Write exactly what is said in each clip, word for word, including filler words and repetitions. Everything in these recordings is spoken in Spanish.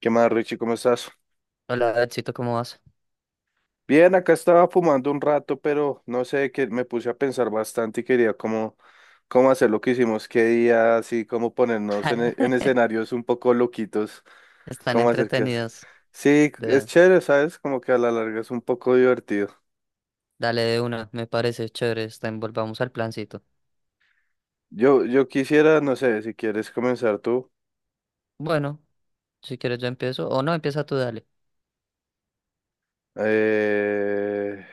¿Qué más, Richie? ¿Cómo estás? Hola, chito, ¿cómo vas? Bien, acá estaba fumando un rato, pero no sé, que me puse a pensar bastante y quería cómo, cómo hacer lo que hicimos, qué día, así como ponernos en, e- en escenarios un poco loquitos, Están cómo hacer qué hacer. entretenidos. Sí, es De... chévere, ¿sabes? Como que a la larga es un poco divertido. Dale de una, me parece chévere. Está en- Volvamos al plancito. Yo, yo quisiera, no sé, si quieres comenzar tú. Bueno, si quieres yo empiezo. O no, empieza tú, dale. Eh,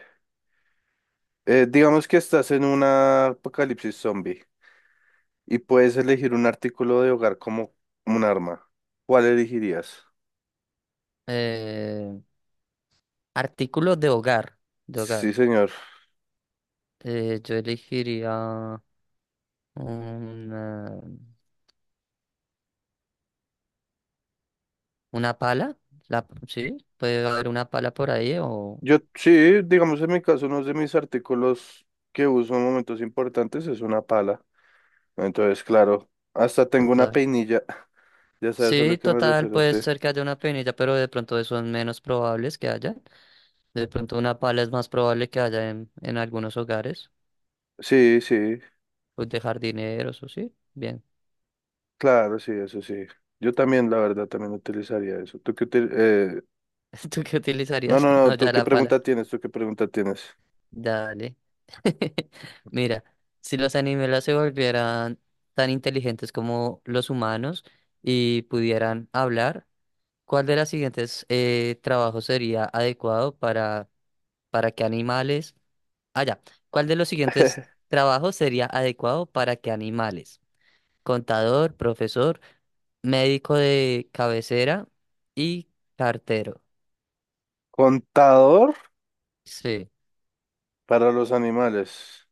eh, digamos que estás en una apocalipsis zombie. Y puedes elegir un artículo de hogar como un arma. ¿Cuál elegirías? Eh, artículos de hogar. De Sí, hogar. señor. Eh, yo elegiría una, una pala. La, sí, puede haber una pala por ahí o Yo sí, digamos en mi caso, uno de mis artículos que uso en momentos importantes es una pala. Entonces, claro, hasta tengo una total. peinilla. Ya sabes a Sí, lo que me total, refiero, puede sí. ser que haya una penilla, pero de pronto eso es menos probables que haya. De pronto una pala es más probable que haya en, en algunos hogares, Sí, sí, pues de jardineros o sí. Bien. claro, sí, eso sí. Yo también, la verdad, también utilizaría eso. ¿Tú qué util-? eh, ¿Tú qué No, utilizarías? no, no, No, ¿tú ya qué la pala. pregunta tienes? ¿Tú qué pregunta tienes? Dale. Mira, si los animales se volvieran tan inteligentes como los humanos y pudieran hablar, ¿cuál de las siguientes eh, trabajos sería adecuado para, para que animales... Ah, ya. ¿Cuál de los siguientes trabajos sería adecuado para que animales? Contador, profesor, médico de cabecera y cartero. Contador Sí, para los animales.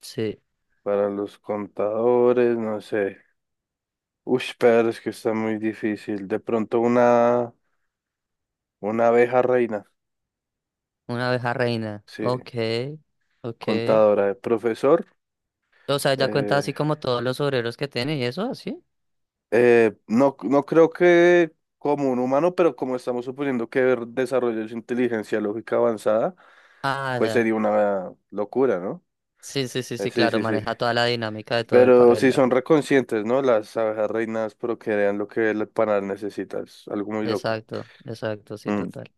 sí, Para los contadores, no sé. Uy, pero es que está muy difícil. De pronto una, una abeja reina, una abeja reina. sí, Ok, ok. contadora, eh, profesor. O sea, ya cuenta eh, así como todos los obreros que tiene y eso, así. eh, no, no creo que como un humano, pero como estamos suponiendo que ver- desarrolló su inteligencia lógica avanzada, Ah, pues ya. sería una locura, ¿no? Sí, sí, sí, Eh, sí, sí, claro, sí, sí. maneja toda la dinámica de todo el, pa- Pero sí el- son el- reconscientes, ¿no? Las abejas reinas procrean lo que el panal necesita. Es algo muy loco. Exacto, exacto, sí, Mm. total.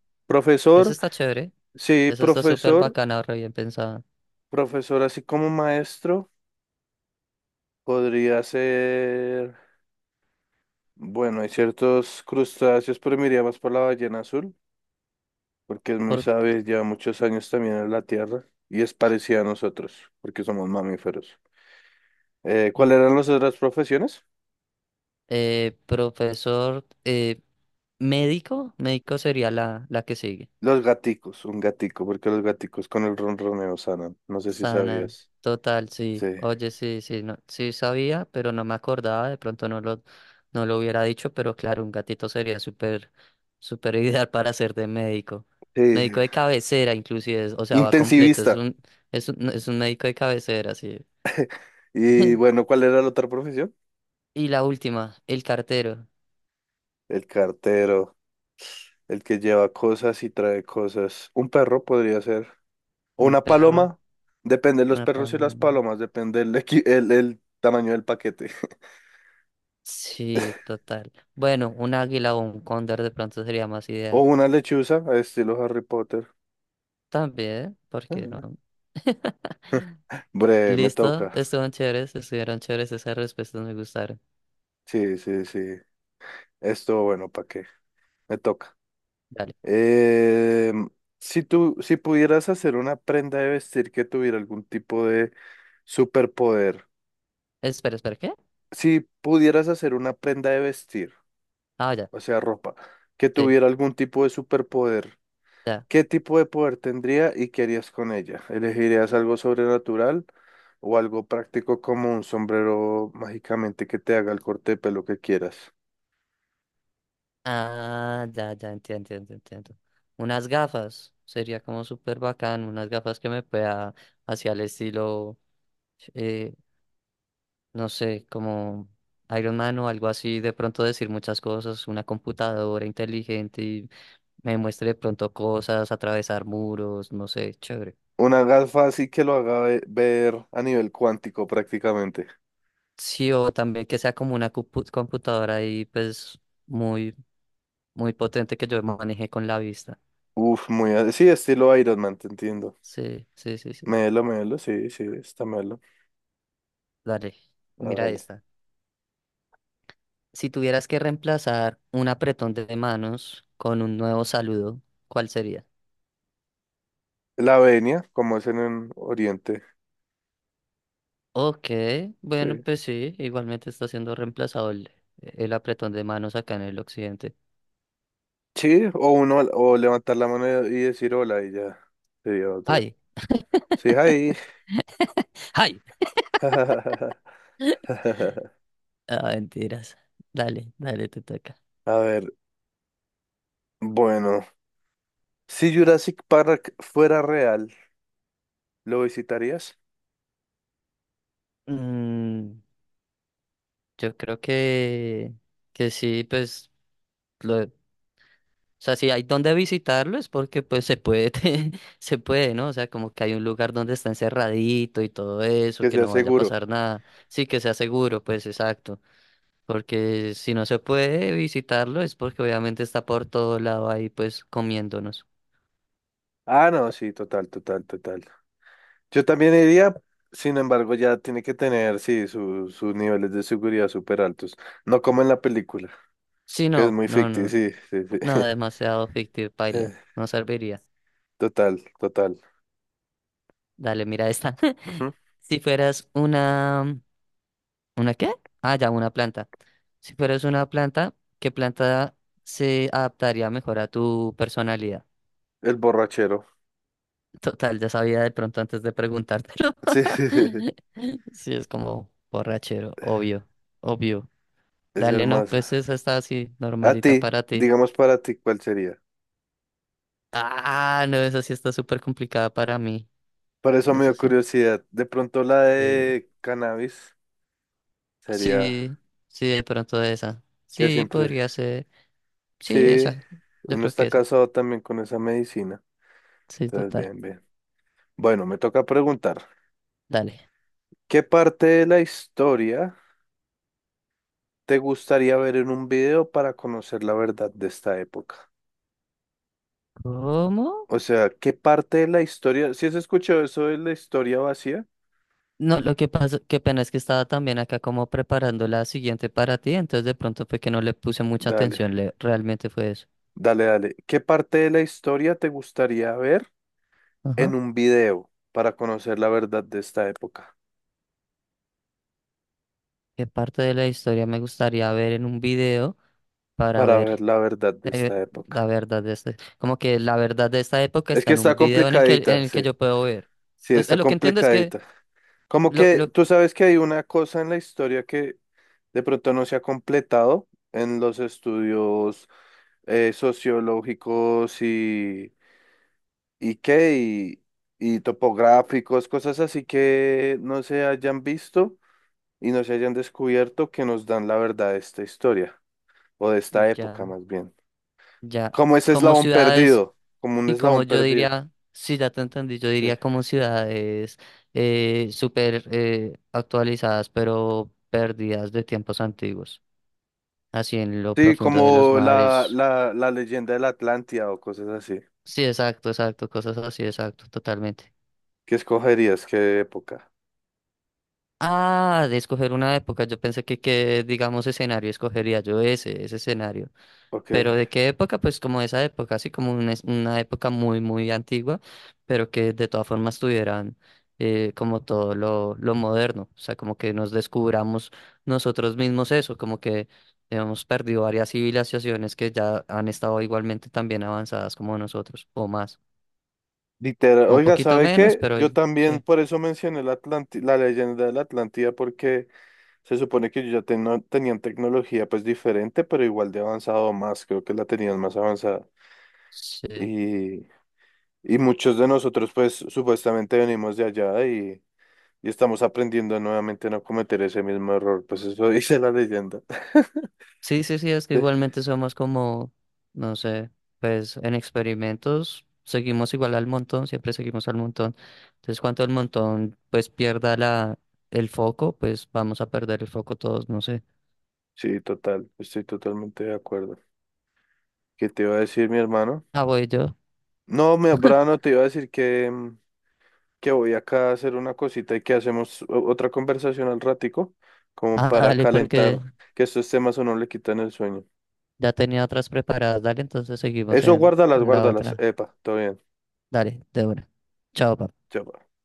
Eso Profesor. está chévere, Sí, eso está súper profesor, bacana, re bien pensada. profesor así como maestro, podría ser, bueno, hay ciertos crustáceos, pero me iría más por la ballena azul, porque es muy Por... sabia, lleva muchos años también en la Tierra y es parecida a nosotros, porque somos mamíferos. Eh, ¿cuáles eran ok. las otras profesiones? Eh, profesor, eh, médico, médico sería la, la que sigue. Los gaticos, un gatico, porque los gaticos con el ronroneo sanan, no sé si Sanan, sabías. total, Sí. sí. Oye, sí, sí, no, sí sabía, pero no me acordaba, de pronto no lo, no lo hubiera dicho, pero claro, un gatito sería súper, súper ideal para ser de médico. Médico Sí. de cabecera, inclusive, es- o sea, va completo, es Intensivista. un, es un, es un médico de cabecera, sí. Y bueno, ¿cuál era la otra profesión? Y la última, el cartero, El cartero. El que lleva cosas y trae cosas. Un perro podría ser. O un una perro, paloma. Depende de los una perros y las paloma. palomas. Depende el, equi- el, el tamaño del paquete. Sí, total. Bueno, un águila o un cóndor de pronto sería más O ideal. una lechuza, estilo Harry Potter. También, ¿por qué no? Ah. Bre, me Listo, toca. estuvieron chéveres, estuvieron chéveres, esas respuestas me gustaron. Sí, sí, sí. Esto, bueno, ¿para qué? Me toca. Dale. Eh, si tú, si pudieras hacer una prenda de vestir que tuviera algún tipo de superpoder. Espera, espera, ¿qué? Si pudieras hacer una prenda de vestir. Ah, ya, O sea, ropa. Que sí, tuviera algún tipo de superpoder. ya. ¿Qué tipo de poder tendría y qué harías con ella? ¿Elegirías algo sobrenatural o algo práctico como un sombrero mágicamente que te haga el corte de pelo que quieras? Ah, ya, ya, entiendo, entiendo, entiendo. Unas gafas, sería como súper bacán, unas gafas que me pueda hacia el estilo, eh, no sé, como Iron Man o algo así, de pronto decir muchas cosas, una computadora inteligente y me muestre de pronto cosas, atravesar muros, no sé, chévere. Una gafa así que lo haga ve- ver a nivel cuántico prácticamente. Sí, o también que sea como una compu- computadora ahí, pues muy, muy potente que yo maneje con la vista. Uf, muy... a- Sí, estilo Iron Man, te entiendo. Sí, sí, sí, sí. Melo, melo, sí, sí, está melo. Dale, mira Hágale. esta. Si tuvieras que reemplazar un apretón de manos con un nuevo saludo, ¿cuál sería? La venia, como es en el Oriente. Ok, bueno, Sí. pues sí, igualmente está siendo reemplazado el, el apretón de manos acá en el occidente. Sí, o uno, o levantar la mano y decir hola y ya sería otra. ¡Ay! Sí, ahí. ¡Ay! Ah, mentiras. Dale, dale, te toca. A ver, bueno, si Jurassic Park fuera real, ¿lo visitarías? Mm, yo creo que, que sí, pues. O sea, si hay donde visitarlo es porque pues se puede, se puede, ¿no? O sea, como que hay un lugar donde está encerradito y todo eso, Que que sea no vaya a seguro. pasar nada. Sí, que sea seguro, pues exacto. Porque si no se puede visitarlo es porque obviamente está por todo lado ahí pues comiéndonos. Ah, no, sí, total, total, total. Yo también iría, sin embargo, ya tiene que tener, sí, su- sus niveles de seguridad súper altos. No como en la película, Sí, que es no, muy no, ficticio, no, sí, sí, sí. no, demasiado fictivo, Eh, paila, no serviría. total, total. Dale, mira esta. Ujú. Si fueras una... ¿Una qué? Ah, ya, una planta. Si fueras una planta, ¿qué planta se adaptaría mejor a tu personalidad? El borrachero. Total, ya sabía de pronto antes de preguntártelo. Sí, Sí, es como borrachero, obvio, obvio. es Dale, no, hermoso. pues esa está así, A normalita ti, para ti. digamos para ti, ¿cuál sería? Ah, no, esa sí está súper complicada para mí. Por eso me Eso dio sí. curiosidad. De pronto la Sí, de cannabis sería sí, sí, de pronto esa. que Sí, siempre, podría ser. Sí, sí, esa. Yo uno creo que está esa. casado también con esa medicina. Sí, Entonces, total. bien, bien. Bueno, me toca preguntar, Dale. ¿qué parte de la historia te gustaría ver en un video para conocer la verdad de esta época? ¿Cómo? O sea, ¿qué parte de la historia, si has escuchado eso de la historia vacía? No, lo que pasa, qué pena es que estaba también acá como preparando la siguiente para ti, entonces de pronto fue que no le puse mucha Dale, atención, le, realmente fue eso. dale, dale. ¿Qué parte de la historia te gustaría ver en Ajá. un video para conocer la verdad de esta época, ¿Qué parte de la historia me gustaría ver en un video para para ver ver la verdad de eh, esta la época? verdad de este? Como que la verdad de esta época Es está que en está un video en el que, en complicadita, el que sí, yo puedo ver. sí, Es- es está lo que entiendo es que complicadita. Como lo, que lo, tú sabes que hay una cosa en la historia que de pronto no se ha completado en los estudios eh, sociológicos y, y qué, y, y topográficos, cosas así que no se hayan visto y no se hayan descubierto que nos dan la verdad de esta historia, o de esta época ya. más bien. Ya, Como ese como eslabón ciudades, perdido, como un y como eslabón yo perdido. diría, sí, ya te entendí, yo Sí, diría como ciudades eh, súper eh, actualizadas, pero perdidas de tiempos antiguos, así en lo sí, profundo de los como la, mares. la, la leyenda de la Atlántida o cosas así. Sí, exacto, exacto, cosas así, exacto, totalmente. ¿Qué escogerías? ¿Qué época? Ah, de escoger una época, yo pensé que, que digamos, escenario escogería yo ese, ese escenario. Ok. Pero ¿de qué época? Pues como esa época, así como una, es- una época muy, muy antigua, pero que de todas formas tuvieran eh, como todo lo, lo moderno, o sea, como que nos descubramos nosotros mismos eso, como que hemos perdido varias civilizaciones que ya han estado igualmente también avanzadas como nosotros, o más, Literal. o un Oiga, poquito ¿sabe menos, qué? pero Yo también sí. por eso mencioné la Atlanti- la leyenda de la Atlántida, porque se supone que ellos ya teno- tenían tecnología pues diferente, pero igual de avanzado más, creo que la tenían más avanzada. Sí. Y, y muchos de nosotros pues supuestamente venimos de allá y estamos aprendiendo nuevamente a no cometer ese mismo error. Pues eso dice la leyenda. Sí, sí, sí, es que igualmente somos como, no sé, pues en experimentos seguimos igual al montón, siempre seguimos al montón. Entonces, cuanto el montón pues pierda la, el foco, pues vamos a perder el foco todos, no sé. Sí, total, estoy totalmente de acuerdo. ¿Qué te iba a decir, mi hermano? Ah, voy yo. No, mi hermano, te iba a decir que, mm, que voy acá a hacer una cosita y que hacemos o- otra conversación al ratico, como Ah, para dale, calentar, porque que estos temas o no le quitan el sueño. ya tenía otras preparadas, dale, entonces seguimos Eso, en, guárdalas, en la guárdalas. otra. Epa, todo bien. Dale, de una. Chao, papá. Chao, pues.